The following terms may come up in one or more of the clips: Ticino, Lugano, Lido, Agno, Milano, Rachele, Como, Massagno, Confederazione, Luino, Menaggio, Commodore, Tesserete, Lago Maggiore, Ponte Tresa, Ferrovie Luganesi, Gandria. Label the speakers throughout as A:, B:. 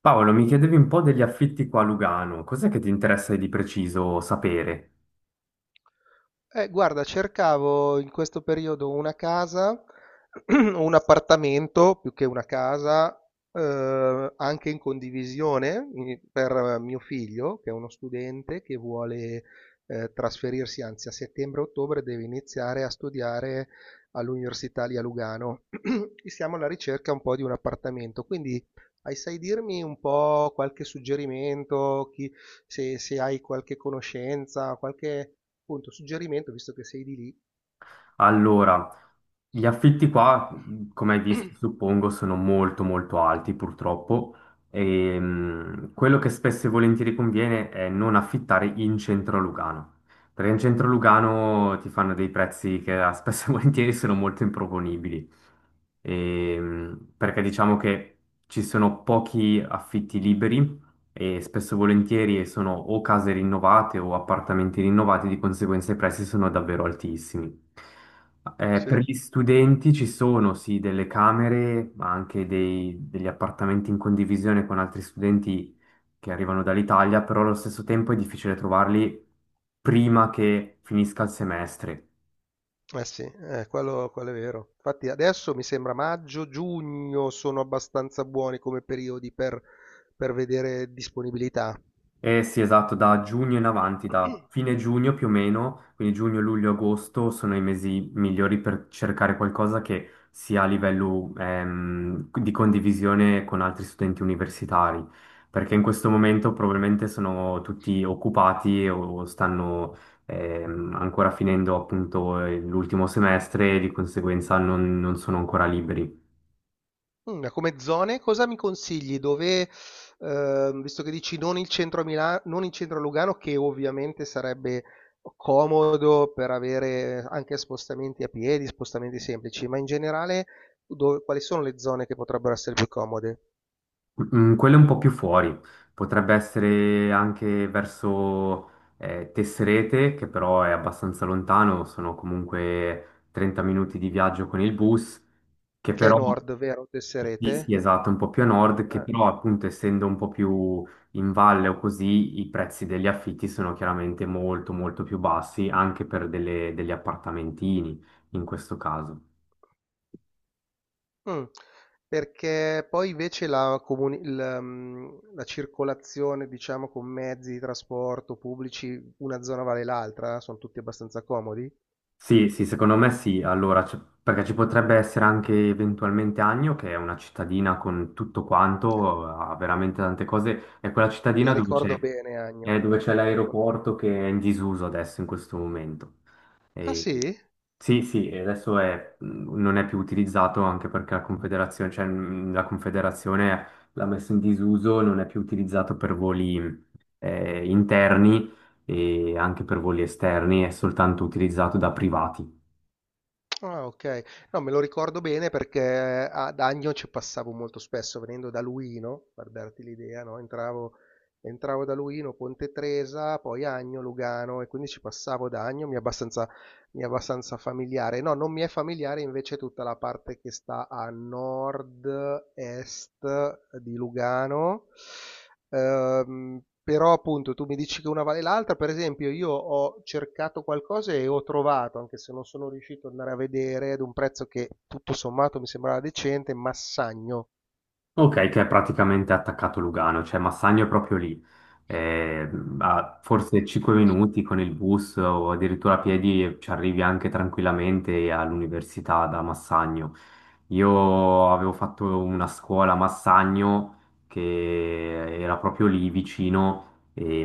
A: Paolo, mi chiedevi un po' degli affitti qua a Lugano, cos'è che ti interessa di preciso sapere?
B: Guarda, cercavo in questo periodo una casa, un appartamento più che una casa, anche in condivisione per mio figlio, che è uno studente che vuole trasferirsi, anzi a settembre-ottobre deve iniziare a studiare all'Università lì a Lugano. E siamo alla ricerca un po' di un appartamento, quindi sai dirmi un po' qualche suggerimento, se hai qualche conoscenza, qualche appunto, suggerimento, visto che sei di lì.
A: Allora, gli affitti qua, come hai visto, suppongo, sono molto molto alti purtroppo e quello che spesso e volentieri conviene è non affittare in centro a Lugano, perché in centro a Lugano ti fanno dei prezzi che spesso e volentieri sono molto improponibili. Perché diciamo che ci sono pochi affitti liberi e spesso e volentieri sono o case rinnovate o appartamenti rinnovati, di conseguenza i prezzi sono davvero altissimi.
B: Sì,
A: Per
B: eh
A: gli studenti ci sono sì delle camere, ma anche degli appartamenti in condivisione con altri studenti che arrivano dall'Italia, però allo stesso tempo è difficile trovarli prima che finisca il semestre.
B: sì, quello è vero. Infatti adesso mi sembra maggio, giugno sono abbastanza buoni come periodi per vedere disponibilità.
A: Eh sì, esatto, da giugno in avanti, da fine giugno più o meno, quindi giugno, luglio, agosto sono i mesi migliori per cercare qualcosa che sia a livello di condivisione con altri studenti universitari, perché in questo momento probabilmente sono tutti occupati o stanno ancora finendo appunto l'ultimo semestre e di conseguenza non sono ancora liberi.
B: Come zone, cosa mi consigli? Dove? Visto che dici non il centro a Milano, non il centro a Lugano, che ovviamente sarebbe comodo per avere anche spostamenti a piedi, spostamenti semplici, ma in generale quali sono le zone che potrebbero essere più comode?
A: Mm, quello è un po' più fuori, potrebbe essere anche verso Tesserete, che però è abbastanza lontano, sono comunque 30 minuti di viaggio con il bus, che
B: Che è
A: però,
B: Nord, vero?
A: sì, sì,
B: Tesserete?
A: esatto, un po' più a nord, che
B: Eh,
A: però appunto essendo un po' più in valle o così, i prezzi degli affitti sono chiaramente molto molto più bassi, anche per degli appartamentini in questo caso.
B: mm. Perché poi invece la, comuni- il, mm, la circolazione, diciamo, con mezzi di trasporto pubblici, una zona vale l'altra, sono tutti abbastanza comodi.
A: Sì, sì, secondo me sì. Allora, perché ci potrebbe essere anche eventualmente Agno, che è una cittadina con tutto
B: Eh,
A: quanto, ha veramente tante cose. È quella cittadina
B: La
A: dove c'è
B: ricordo bene, Agno.
A: è dove c'è
B: La con-.
A: l'aeroporto che è in disuso adesso in questo momento.
B: Ah
A: E-
B: sì?
A: sì, sì, e non è più utilizzato anche perché la Confederazione, cioè, la Confederazione l'ha messo in disuso, non è più utilizzato per voli interni e anche per voli esterni, è soltanto utilizzato da privati.
B: Ah, ok. No, me lo ricordo bene perché ad Agno ci passavo molto spesso venendo da Luino, per darti l'idea, no? Entravo da Luino, Ponte Tresa, poi Agno, Lugano e quindi ci passavo da Agno, mi è abbastanza familiare. No, non mi è familiare invece tutta la parte che sta a nord-est di Lugano. Però appunto tu mi dici che una vale l'altra, per esempio io ho cercato qualcosa e ho trovato, anche se non sono riuscito ad andare a vedere, ad un prezzo che tutto sommato mi sembrava decente, Massagno
A: Ok, che è praticamente attaccato Lugano, cioè Massagno è proprio lì, Eh, a forse 5 minuti con il bus o addirittura a piedi ci arrivi anche tranquillamente all'università da Massagno. Io avevo fatto una scuola a Massagno che era proprio lì vicino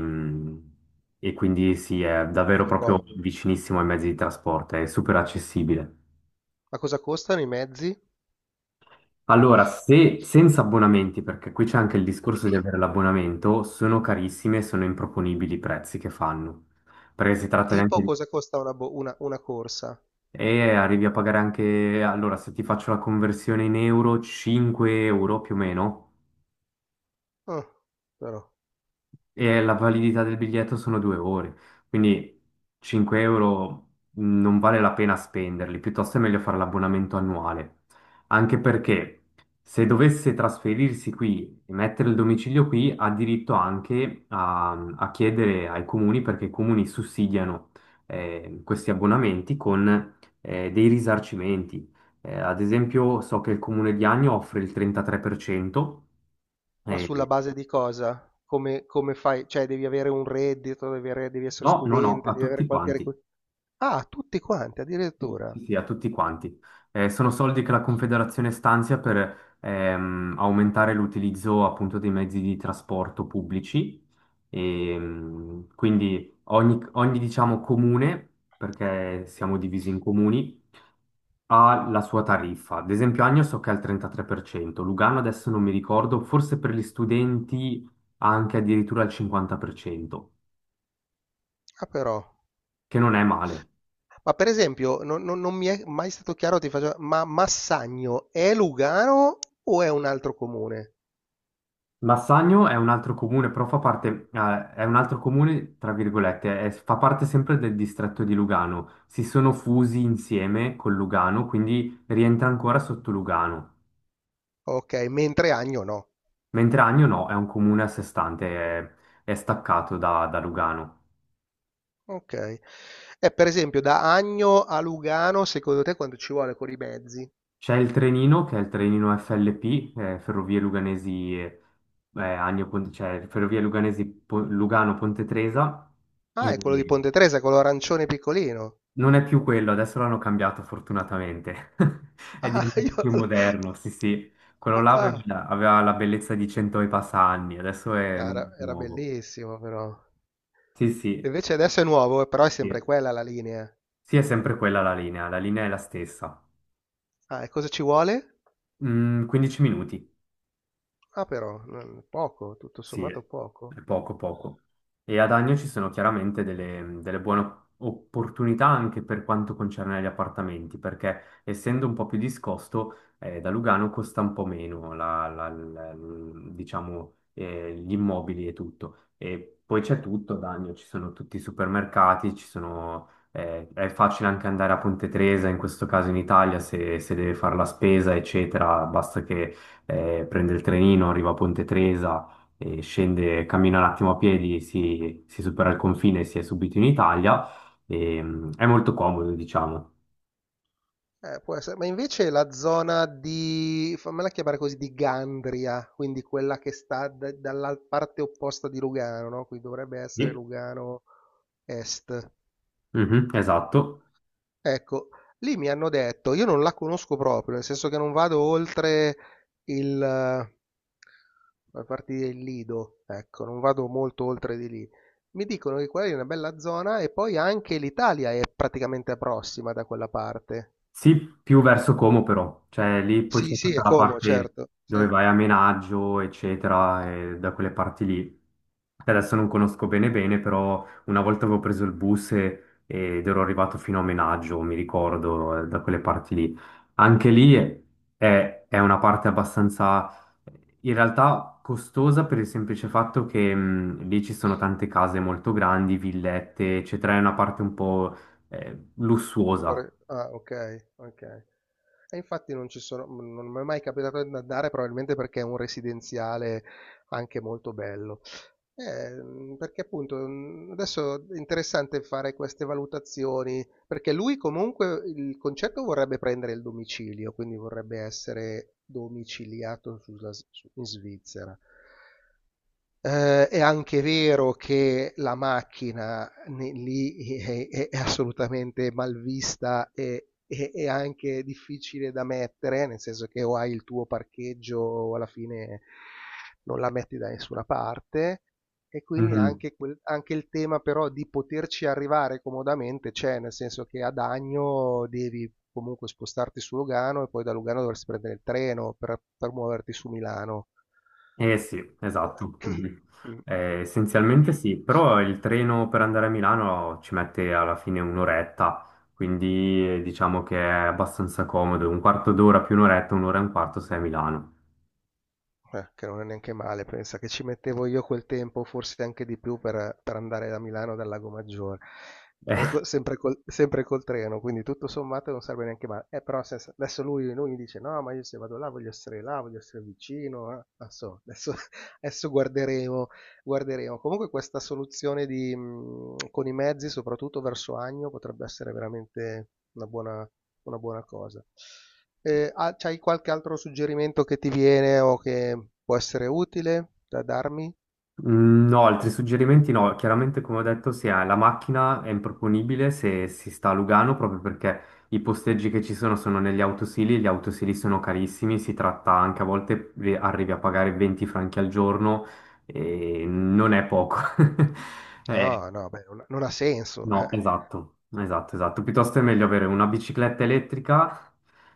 A: e quindi sì, è davvero
B: di
A: proprio
B: Commodore.
A: vicinissimo ai mezzi di trasporto, è super accessibile.
B: Ma cosa costano i mezzi?
A: Allora, se senza abbonamenti, perché qui c'è anche il discorso di avere l'abbonamento, sono carissime e sono improponibili i prezzi che fanno. Perché si tratta di anche
B: Tipo cosa costa una corsa?
A: e arrivi a pagare anche. Allora, se ti faccio la conversione in euro, 5 euro più o meno
B: Ah, però.
A: e la validità del biglietto sono 2 ore, quindi 5 euro non vale la pena spenderli, piuttosto è meglio fare l'abbonamento annuale, anche perché se dovesse trasferirsi qui e mettere il domicilio qui, ha diritto anche a, a chiedere ai comuni, perché i comuni sussidiano questi abbonamenti con dei risarcimenti. Ad esempio, so che il comune di Agno offre il 33%,
B: Ma sulla
A: eh,
B: base di cosa? Come fai? Cioè devi avere un reddito, devi essere
A: no, no, no,
B: studente,
A: a
B: devi avere
A: tutti
B: qualche
A: quanti.
B: requi-. Ah, tutti quanti
A: Sì, sì,
B: addirittura.
A: sì, a tutti quanti. Sono soldi che la Confederazione stanzia per aumentare l'utilizzo appunto dei mezzi di trasporto pubblici. Quindi ogni, diciamo, comune, perché siamo divisi in comuni, ha la sua tariffa. Ad esempio, Agno so che è al 33%, Lugano adesso non mi ricordo, forse per gli studenti anche addirittura al 50%,
B: Ah, però.
A: che non è male.
B: Ma per esempio, non mi è mai stato chiaro, ti faccio, ma Massagno è Lugano o è un altro comune?
A: Massagno è un altro comune, però fa parte, è un altro comune, tra virgolette, fa parte sempre del distretto di Lugano. Si sono fusi insieme con Lugano, quindi rientra ancora sotto Lugano.
B: Ok, mentre Agno no.
A: Mentre Agno no, è un comune a sé stante, è staccato da, da Lugano.
B: Ok. E per esempio, da Agno a Lugano, secondo te quanto ci vuole con i mezzi?
A: C'è il Trenino, che è il Trenino FLP, Ferrovie Luganesi, Agno, cioè Ferrovie Luganesi Lugano Ponte Tresa.
B: Ah, è quello di Ponte Tresa, quello arancione piccolino.
A: Non è più quello, adesso l'hanno cambiato fortunatamente. È
B: Ah,
A: diventato
B: io.
A: più moderno, sì, sì. Quello là
B: Ah,
A: aveva la bellezza di 100 e passa anni, adesso è
B: cara, era
A: nuovo.
B: bellissimo però.
A: Sì, sì,
B: Invece adesso è nuovo, però è sempre
A: sì.
B: quella la linea.
A: Sì, è sempre quella la linea è la stessa.
B: Ah, e cosa ci vuole?
A: Mm, 15 minuti.
B: Ah, però, poco, tutto
A: Sì,
B: sommato poco.
A: è poco poco. E ad Agno ci sono chiaramente delle buone opportunità anche per quanto concerne gli appartamenti, perché essendo un po' più discosto, da Lugano costa un po' meno diciamo, gli immobili e tutto. E poi c'è tutto ad Agno, ci sono tutti i supermercati, ci sono, è facile anche andare a Ponte Tresa, in questo caso in Italia, se deve fare la spesa, eccetera, basta che prende il trenino, arriva a Ponte Tresa e scende, cammina un attimo a piedi, si supera il confine e si è subito in Italia. È molto comodo, diciamo.
B: Può essere, ma invece la zona di, fammela chiamare così, di Gandria, quindi quella che sta dalla parte opposta di Lugano, no? Qui dovrebbe essere
A: Sì.
B: Lugano Est.
A: Mhm, esatto.
B: Ecco, lì mi hanno detto, io non la conosco proprio, nel senso che non vado oltre il, eh, la parte del Lido, ecco, non vado molto oltre di lì. Mi dicono che quella lì è una bella zona e poi anche l'Italia è praticamente prossima da quella parte.
A: Sì, più verso Como però, cioè lì poi
B: Sì,
A: c'è
B: sì, è
A: tutta la
B: Como,
A: parte
B: certo. Sì.
A: dove vai a Menaggio, eccetera, e da quelle parti lì. Adesso non conosco bene bene, però una volta avevo preso il bus ed ero arrivato fino a Menaggio, mi ricordo, da quelle parti lì. Anche lì è, è una parte abbastanza, in realtà costosa per il semplice fatto che lì ci sono tante case molto grandi, villette, eccetera, è una parte un po' lussuosa.
B: Ah, ok, ok. E infatti non ci sono, non mi è mai capitato di andare, probabilmente perché è un residenziale anche molto bello. Perché appunto adesso è interessante fare queste valutazioni, perché lui comunque il concetto vorrebbe prendere il domicilio, quindi vorrebbe essere domiciliato in Svizzera. È anche vero che la macchina lì è, è assolutamente malvista e e anche difficile da mettere, nel senso che o hai il tuo parcheggio alla fine non la metti da nessuna parte. E quindi
A: Mhm.
B: anche, anche il tema però di poterci arrivare comodamente c'è, nel senso che ad Agno devi comunque spostarti su Lugano e poi da Lugano dovresti prendere il treno per muoverti su Milano.
A: Eh sì, esatto. Mhm.
B: Mm.
A: Essenzialmente sì, però il treno per andare a Milano ci mette alla fine un'oretta, quindi diciamo che è abbastanza comodo, un quarto d'ora più un'oretta, un'ora e un quarto sei a Milano.
B: Che non è neanche male, pensa che ci mettevo io quel tempo, forse anche di più, per andare da Milano dal Lago Maggiore, sempre col treno, quindi tutto sommato non serve neanche male. Però adesso lui, mi dice, no, ma io se vado là, voglio essere vicino, eh. Non so, adesso, adesso guarderemo. Comunque questa soluzione con i mezzi, soprattutto verso Agno, potrebbe essere veramente una buona cosa. Ah, c'hai qualche altro suggerimento che ti viene o che può essere utile da darmi?
A: Mm, no, altri suggerimenti no, chiaramente come ho detto se hai la macchina è improponibile se si sta a Lugano proprio perché i posteggi che ci sono sono negli autosili, gli autosili sono carissimi, si tratta anche a volte arrivi a pagare 20 franchi al giorno e non è poco. Eh,
B: No, no, beh, non ha senso.
A: no, esatto, esatto, esatto. Piuttosto è meglio avere una bicicletta elettrica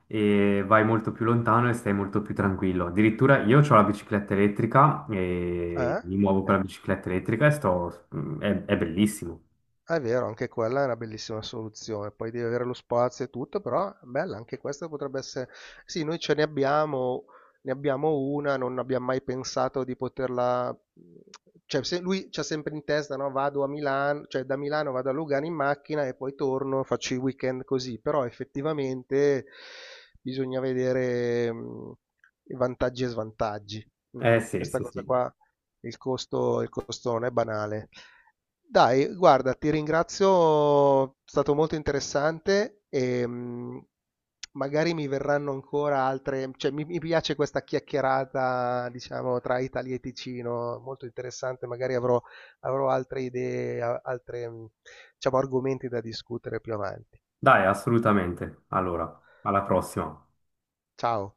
A: e vai molto più lontano e stai molto più tranquillo. Addirittura io ho la bicicletta elettrica e
B: Eh?
A: mi muovo con
B: Eh?
A: la bicicletta elettrica e sto. È, è bellissimo.
B: È vero, anche quella è una bellissima soluzione. Poi devi avere lo spazio e tutto, però bella, anche questa potrebbe essere. Sì, noi ce ne abbiamo una, non abbiamo mai pensato di poterla. Cioè, se lui c'ha sempre in testa, no? Vado a Milano, cioè da Milano vado a Lugano in macchina e poi torno, faccio i weekend così. Però effettivamente bisogna vedere i vantaggi e svantaggi. Mm.
A: Eh sì,
B: Questa
A: sì,
B: cosa
A: sì.
B: qua, il costo non è banale. Dai, guarda, ti ringrazio, è stato molto interessante e magari mi verranno ancora altre, cioè mi piace questa chiacchierata, diciamo, tra Italia e Ticino, molto interessante, magari avrò altre idee, altre, diciamo, argomenti da discutere più avanti.
A: Dai, assolutamente. Allora, alla prossima.
B: Ciao.